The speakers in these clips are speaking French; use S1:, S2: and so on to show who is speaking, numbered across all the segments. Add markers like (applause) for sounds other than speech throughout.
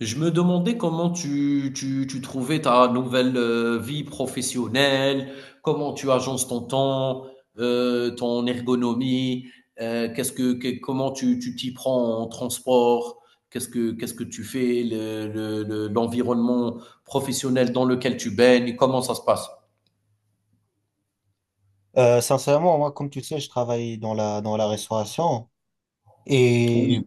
S1: Je me demandais comment tu trouvais ta nouvelle vie professionnelle, comment tu agences ton temps, ton ergonomie, comment tu t'y prends en transport, qu'est-ce que tu fais, l'environnement professionnel dans lequel tu baignes, comment ça se passe?
S2: Sincèrement, moi, comme tu le sais, je travaille dans la restauration. Et
S1: Oui,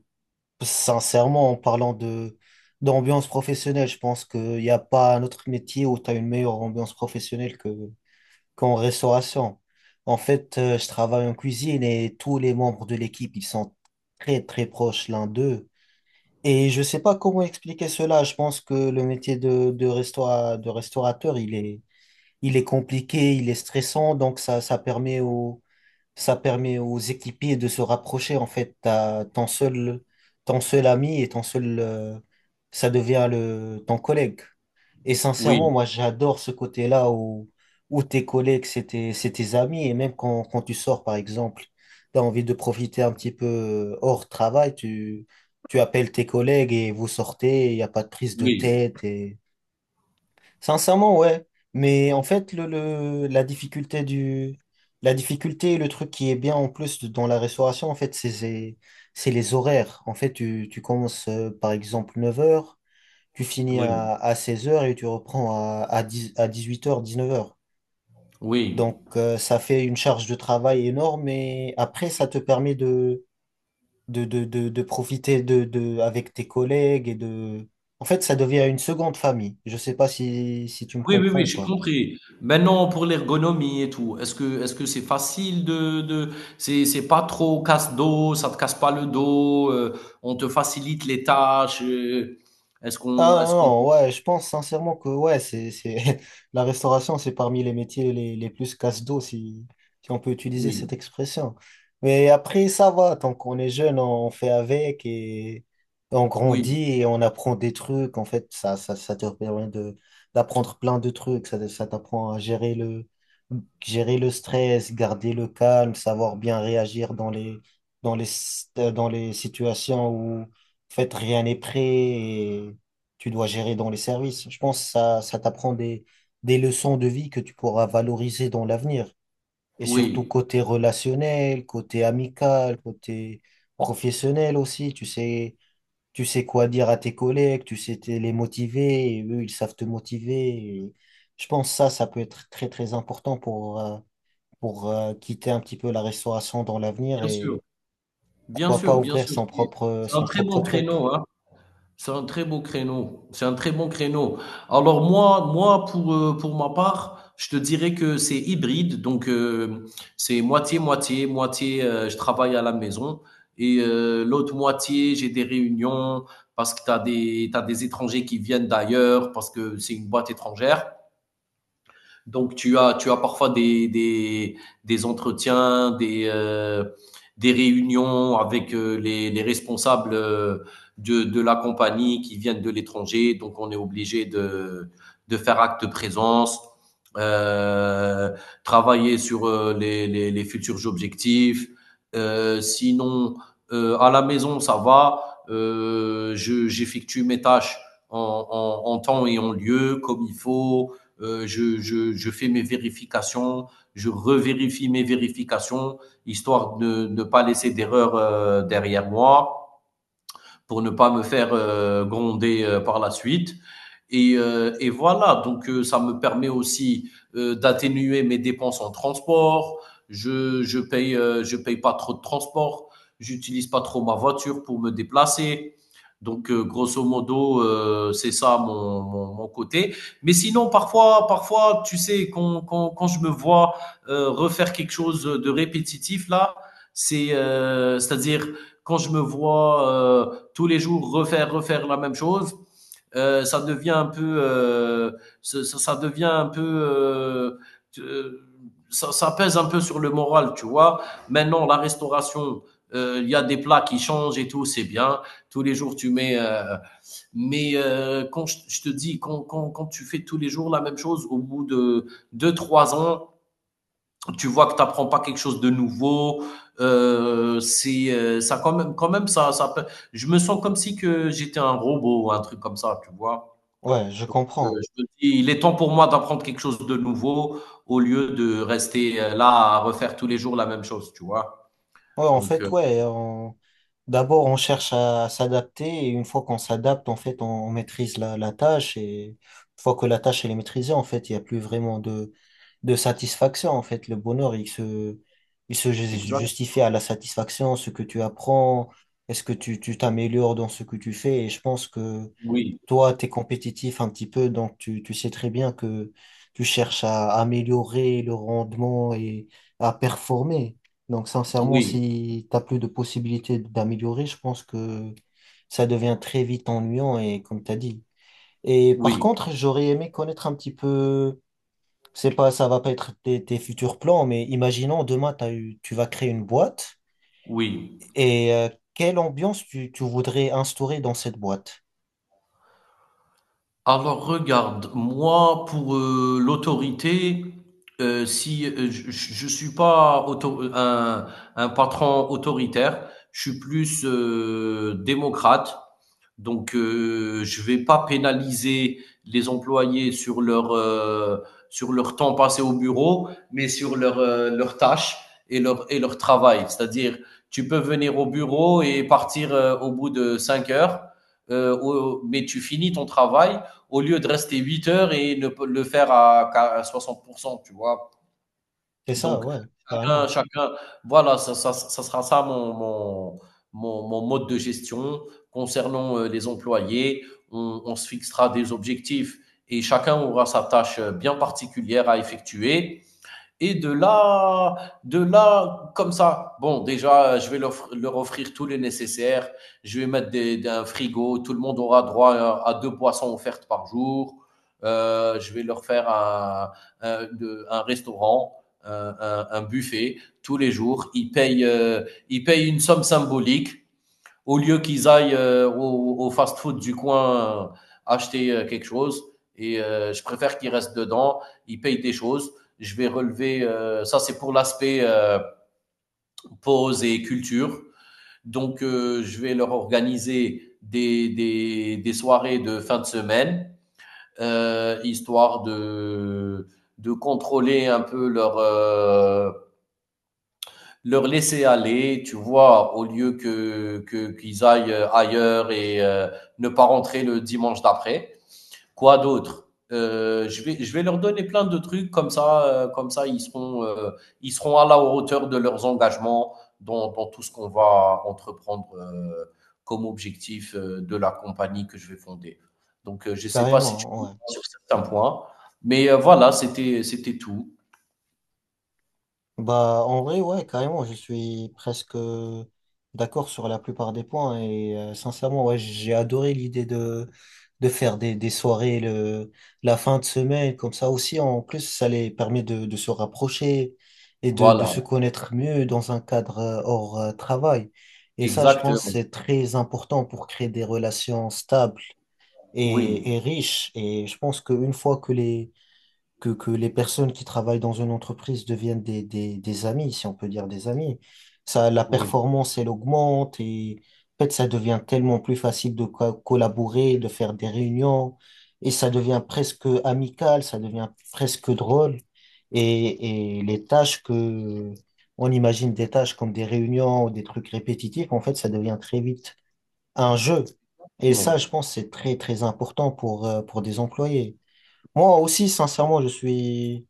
S2: sincèrement, en parlant d'ambiance professionnelle, je pense qu'il n'y a pas un autre métier où tu as une meilleure ambiance professionnelle qu'en restauration. En fait, je travaille en cuisine et tous les membres de l'équipe, ils sont très, très proches l'un d'eux. Et je sais pas comment expliquer cela. Je pense que le métier de restaurateur, il est compliqué, il est stressant, donc ça permet aux équipiers de se rapprocher. En fait, t'as ton seul ami et ton seul, ça devient ton collègue. Et sincèrement,
S1: oui,
S2: moi, j'adore ce côté-là où tes collègues, c'est tes amis. Et même quand tu sors, par exemple, tu as envie de profiter un petit peu hors travail, tu appelles tes collègues et vous sortez. Il n'y a pas de prise de
S1: oui,
S2: tête. Sincèrement, ouais. Mais en fait, la difficulté et le truc qui est bien en plus dans la restauration, en fait, c'est les horaires. En fait, tu commences, par exemple, 9h, tu finis
S1: oui,
S2: à 16h et tu reprends à 18h, 19h.
S1: oui.
S2: Donc, ça fait une charge de travail énorme et après, ça te permet de profiter avec tes collègues et en fait, ça devient une seconde famille. Je sais pas si tu me
S1: Oui, oui,
S2: comprends
S1: oui,
S2: ou
S1: j'ai
S2: pas.
S1: compris. Maintenant, pour l'ergonomie et tout, est-ce que c'est facile de c'est pas trop casse-dos, ça te casse pas le dos, on te facilite les tâches,
S2: Ah
S1: est-ce qu'on
S2: non, ouais, je pense sincèrement que ouais, (laughs) la restauration, c'est parmi les métiers les plus casse-dos, si on peut utiliser
S1: oui,
S2: cette expression. Mais après, ça va, tant qu'on est jeune, on fait avec et on
S1: oui,
S2: grandit et on apprend des trucs. En fait, ça te permet d'apprendre plein de trucs. Ça t'apprend à gérer le stress, garder le calme, savoir bien réagir dans les, dans les situations où, en fait, rien n'est prêt, tu dois gérer dans les services. Je pense que ça t'apprend des leçons de vie que tu pourras valoriser dans l'avenir. Et surtout
S1: oui,
S2: côté relationnel, côté amical, côté professionnel aussi. Tu sais quoi dire à tes collègues, tu sais les motiver, et eux, ils savent te motiver. Et je pense que ça peut être très, très important pour quitter un petit peu la restauration dans l'avenir
S1: bien sûr,
S2: et
S1: bien
S2: pourquoi
S1: sûr,
S2: pas
S1: bien
S2: ouvrir
S1: sûr,
S2: son propre,
S1: c'est un
S2: son
S1: très bon
S2: propre truc.
S1: créneau, hein. C'est un très beau créneau. C'est un très bon créneau. Alors moi, moi pour ma part, je te dirais que c'est hybride. C'est moitié-moitié. Moitié, moitié, je travaille à la maison et l'autre moitié, j'ai des réunions parce que t'as des étrangers qui viennent d'ailleurs, parce que c'est une boîte étrangère. Donc, tu as parfois des entretiens, des réunions avec les responsables de la compagnie qui viennent de l'étranger. Donc, on est obligé de faire acte de présence, euh, travailler sur les futurs objectifs. Sinon, à la maison, ça va. J'effectue mes tâches en, en temps et en lieu, comme il faut. Je fais mes vérifications, je revérifie mes vérifications, histoire de ne pas laisser d'erreur derrière moi pour ne pas me faire gronder par la suite. Et voilà, ça me permet aussi d'atténuer mes dépenses en transport. Je paye je paye pas trop de transport. J'utilise pas trop ma voiture pour me déplacer. Grosso modo, c'est ça mon côté. Mais sinon, parfois, tu sais, quand je me vois refaire quelque chose de répétitif là, c'est-à-dire quand je me vois tous les jours refaire la même chose, ça devient un peu, ça devient un peu, euh, ça pèse un peu sur le moral, tu vois. Maintenant, la restauration, il y a des plats qui changent et tout, c'est bien. Tous les jours, tu mets. Mais quand je te dis, quand tu fais tous les jours la même chose, au bout de deux, trois ans, tu vois que tu n'apprends pas quelque chose de nouveau. C'est Ça quand même, ça peut- je me sens comme si que j'étais un robot ou un truc comme ça, tu vois.
S2: Ouais, je
S1: Donc, euh,
S2: comprends.
S1: je me dis, il est temps pour moi d'apprendre quelque chose de nouveau au lieu de rester là à refaire tous les jours la même chose, tu vois.
S2: Ouais, en
S1: Donc,
S2: fait, ouais. D'abord, on cherche à s'adapter et une fois qu'on s'adapte, en fait, on maîtrise la tâche et une fois que la tâche elle est maîtrisée, en fait, il n'y a plus vraiment de satisfaction. En fait, le bonheur, il se ju-
S1: exact.
S2: justifie à la satisfaction, ce que tu apprends, est-ce que tu t'améliores dans ce que tu fais. Et je pense que
S1: Oui,
S2: toi, tu es compétitif un petit peu, donc tu sais très bien que tu cherches à améliorer le rendement et à performer. Donc, sincèrement,
S1: oui,
S2: si tu plus de possibilités d'améliorer, je pense que ça devient très vite ennuyant et comme tu as dit. Et par
S1: oui,
S2: contre, j'aurais aimé connaître un petit peu, c'est pas, ça va pas être tes futurs plans, mais imaginons demain, tu vas créer une boîte.
S1: oui.
S2: Et quelle ambiance tu voudrais instaurer dans cette boîte?
S1: Alors regarde, moi pour, l'autorité, si, je suis pas auto un patron autoritaire, je suis plus, démocrate. Donc, je vais pas pénaliser les employés sur leur temps passé au bureau, mais sur leur, leurs tâches et leur travail. C'est-à-dire, tu peux venir au bureau et partir, au bout de 5 heures, au mais tu finis ton travail au lieu de rester 8 heures et ne le faire à 60%, tu vois.
S2: C'est ça,
S1: Donc,
S2: ouais, carrément.
S1: chacun voilà, ça sera ça mon mode de gestion. Concernant les employés, on se fixera des objectifs et chacun aura sa tâche bien particulière à effectuer. Et de là, comme ça, bon, déjà, je vais leur offrir tout le nécessaire. Je vais mettre un frigo. Tout le monde aura droit à deux boissons offertes par jour. Je vais leur faire un- un restaurant, un buffet tous les jours. Ils payent une somme symbolique au lieu qu'ils aillent au fast-food du coin acheter quelque chose. Et je préfère qu'ils restent dedans, ils payent des choses. Je vais relever, ça c'est pour l'aspect pause et culture. Je vais leur organiser des soirées de fin de semaine, histoire de contrôler un peu leur, leur laisser aller, tu vois, au lieu qu'ils aillent ailleurs et ne pas rentrer le dimanche d'après. Quoi d'autre? Je vais leur donner plein de trucs comme ça ils seront à la hauteur de leurs engagements dans tout ce qu'on va entreprendre comme objectif de la compagnie que je vais fonder. Je sais pas si tu
S2: Carrément,
S1: veux
S2: ouais.
S1: sur certains points, voilà, c'était tout.
S2: Bah, en vrai, ouais, carrément, je suis presque, d'accord sur la plupart des points et sincèrement, ouais, j'ai adoré l'idée de faire des soirées la fin de semaine, comme ça aussi, en plus, ça les permet de se rapprocher et de
S1: Voilà,
S2: se connaître mieux dans un cadre, hors travail. Et ça, je pense,
S1: exactement.
S2: c'est très important pour créer des relations stables
S1: Oui,
S2: et riches. Et je pense qu'une fois que les personnes qui travaillent dans une entreprise deviennent des amis, si on peut dire des amis. Ça, la
S1: oui.
S2: performance, elle augmente et en fait, ça devient tellement plus facile de collaborer, de faire des réunions et ça devient presque amical, ça devient presque drôle. Et les tâches on imagine des tâches comme des réunions ou des trucs répétitifs, en fait, ça devient très vite un jeu. Et ça, je
S1: Bon.
S2: pense, c'est très, très important pour des employés. Moi aussi, sincèrement,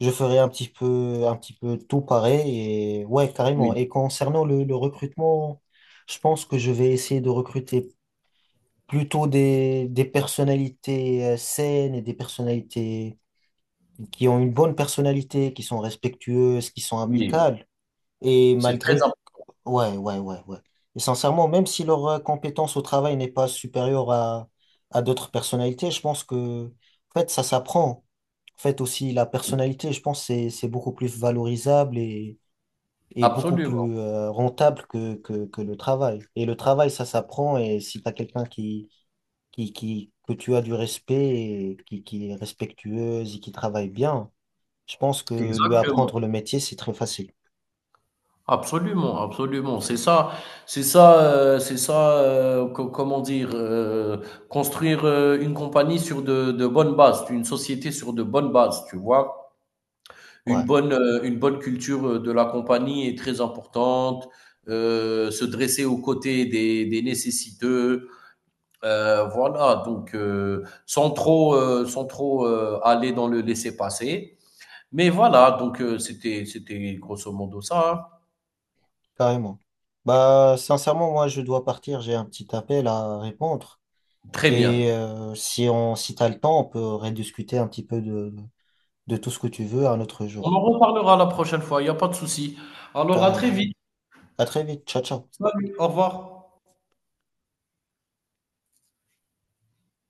S2: je ferai un petit peu tout pareil et ouais, carrément.
S1: Oui,
S2: Et concernant le recrutement, je pense que je vais essayer de recruter plutôt des personnalités, saines, et des personnalités qui ont une bonne personnalité, qui sont respectueuses, qui sont
S1: oui,
S2: amicales. Et
S1: c'est très
S2: malgré
S1: im
S2: Ouais, ouais, ouais, ouais. Et sincèrement, même si leur, compétence au travail n'est pas supérieure à d'autres personnalités, je pense que, en fait, ça s'apprend. En fait, aussi, la personnalité, je pense, c'est beaucoup plus valorisable et beaucoup
S1: absolument,
S2: plus, rentable que le travail. Et le travail, ça s'apprend. Et si tu as quelqu'un que tu as du respect, et qui est respectueuse et qui travaille bien, je pense que lui
S1: exactement,
S2: apprendre le métier, c'est très facile.
S1: absolument, absolument. C'est ça, c'est ça, co comment dire? Construire, une compagnie sur de bonnes bases, une société sur de bonnes bases, tu vois?
S2: Ouais.
S1: Une bonne culture, de la compagnie est très importante, se dresser aux côtés des nécessiteux, voilà. Donc sans trop, sans trop, aller dans le laisser-passer. Mais voilà, c'était grosso modo ça, hein.
S2: Carrément. Bah, sincèrement, moi, je dois partir. J'ai un petit appel à répondre.
S1: Très bien.
S2: Et si t'as le temps, on peut rediscuter un petit peu de tout ce que tu veux un autre
S1: On
S2: jour.
S1: en reparlera la prochaine fois, il n'y a pas de souci. Alors à très
S2: Carrément.
S1: vite.
S2: À très vite. Ciao, ciao.
S1: Salut, au revoir.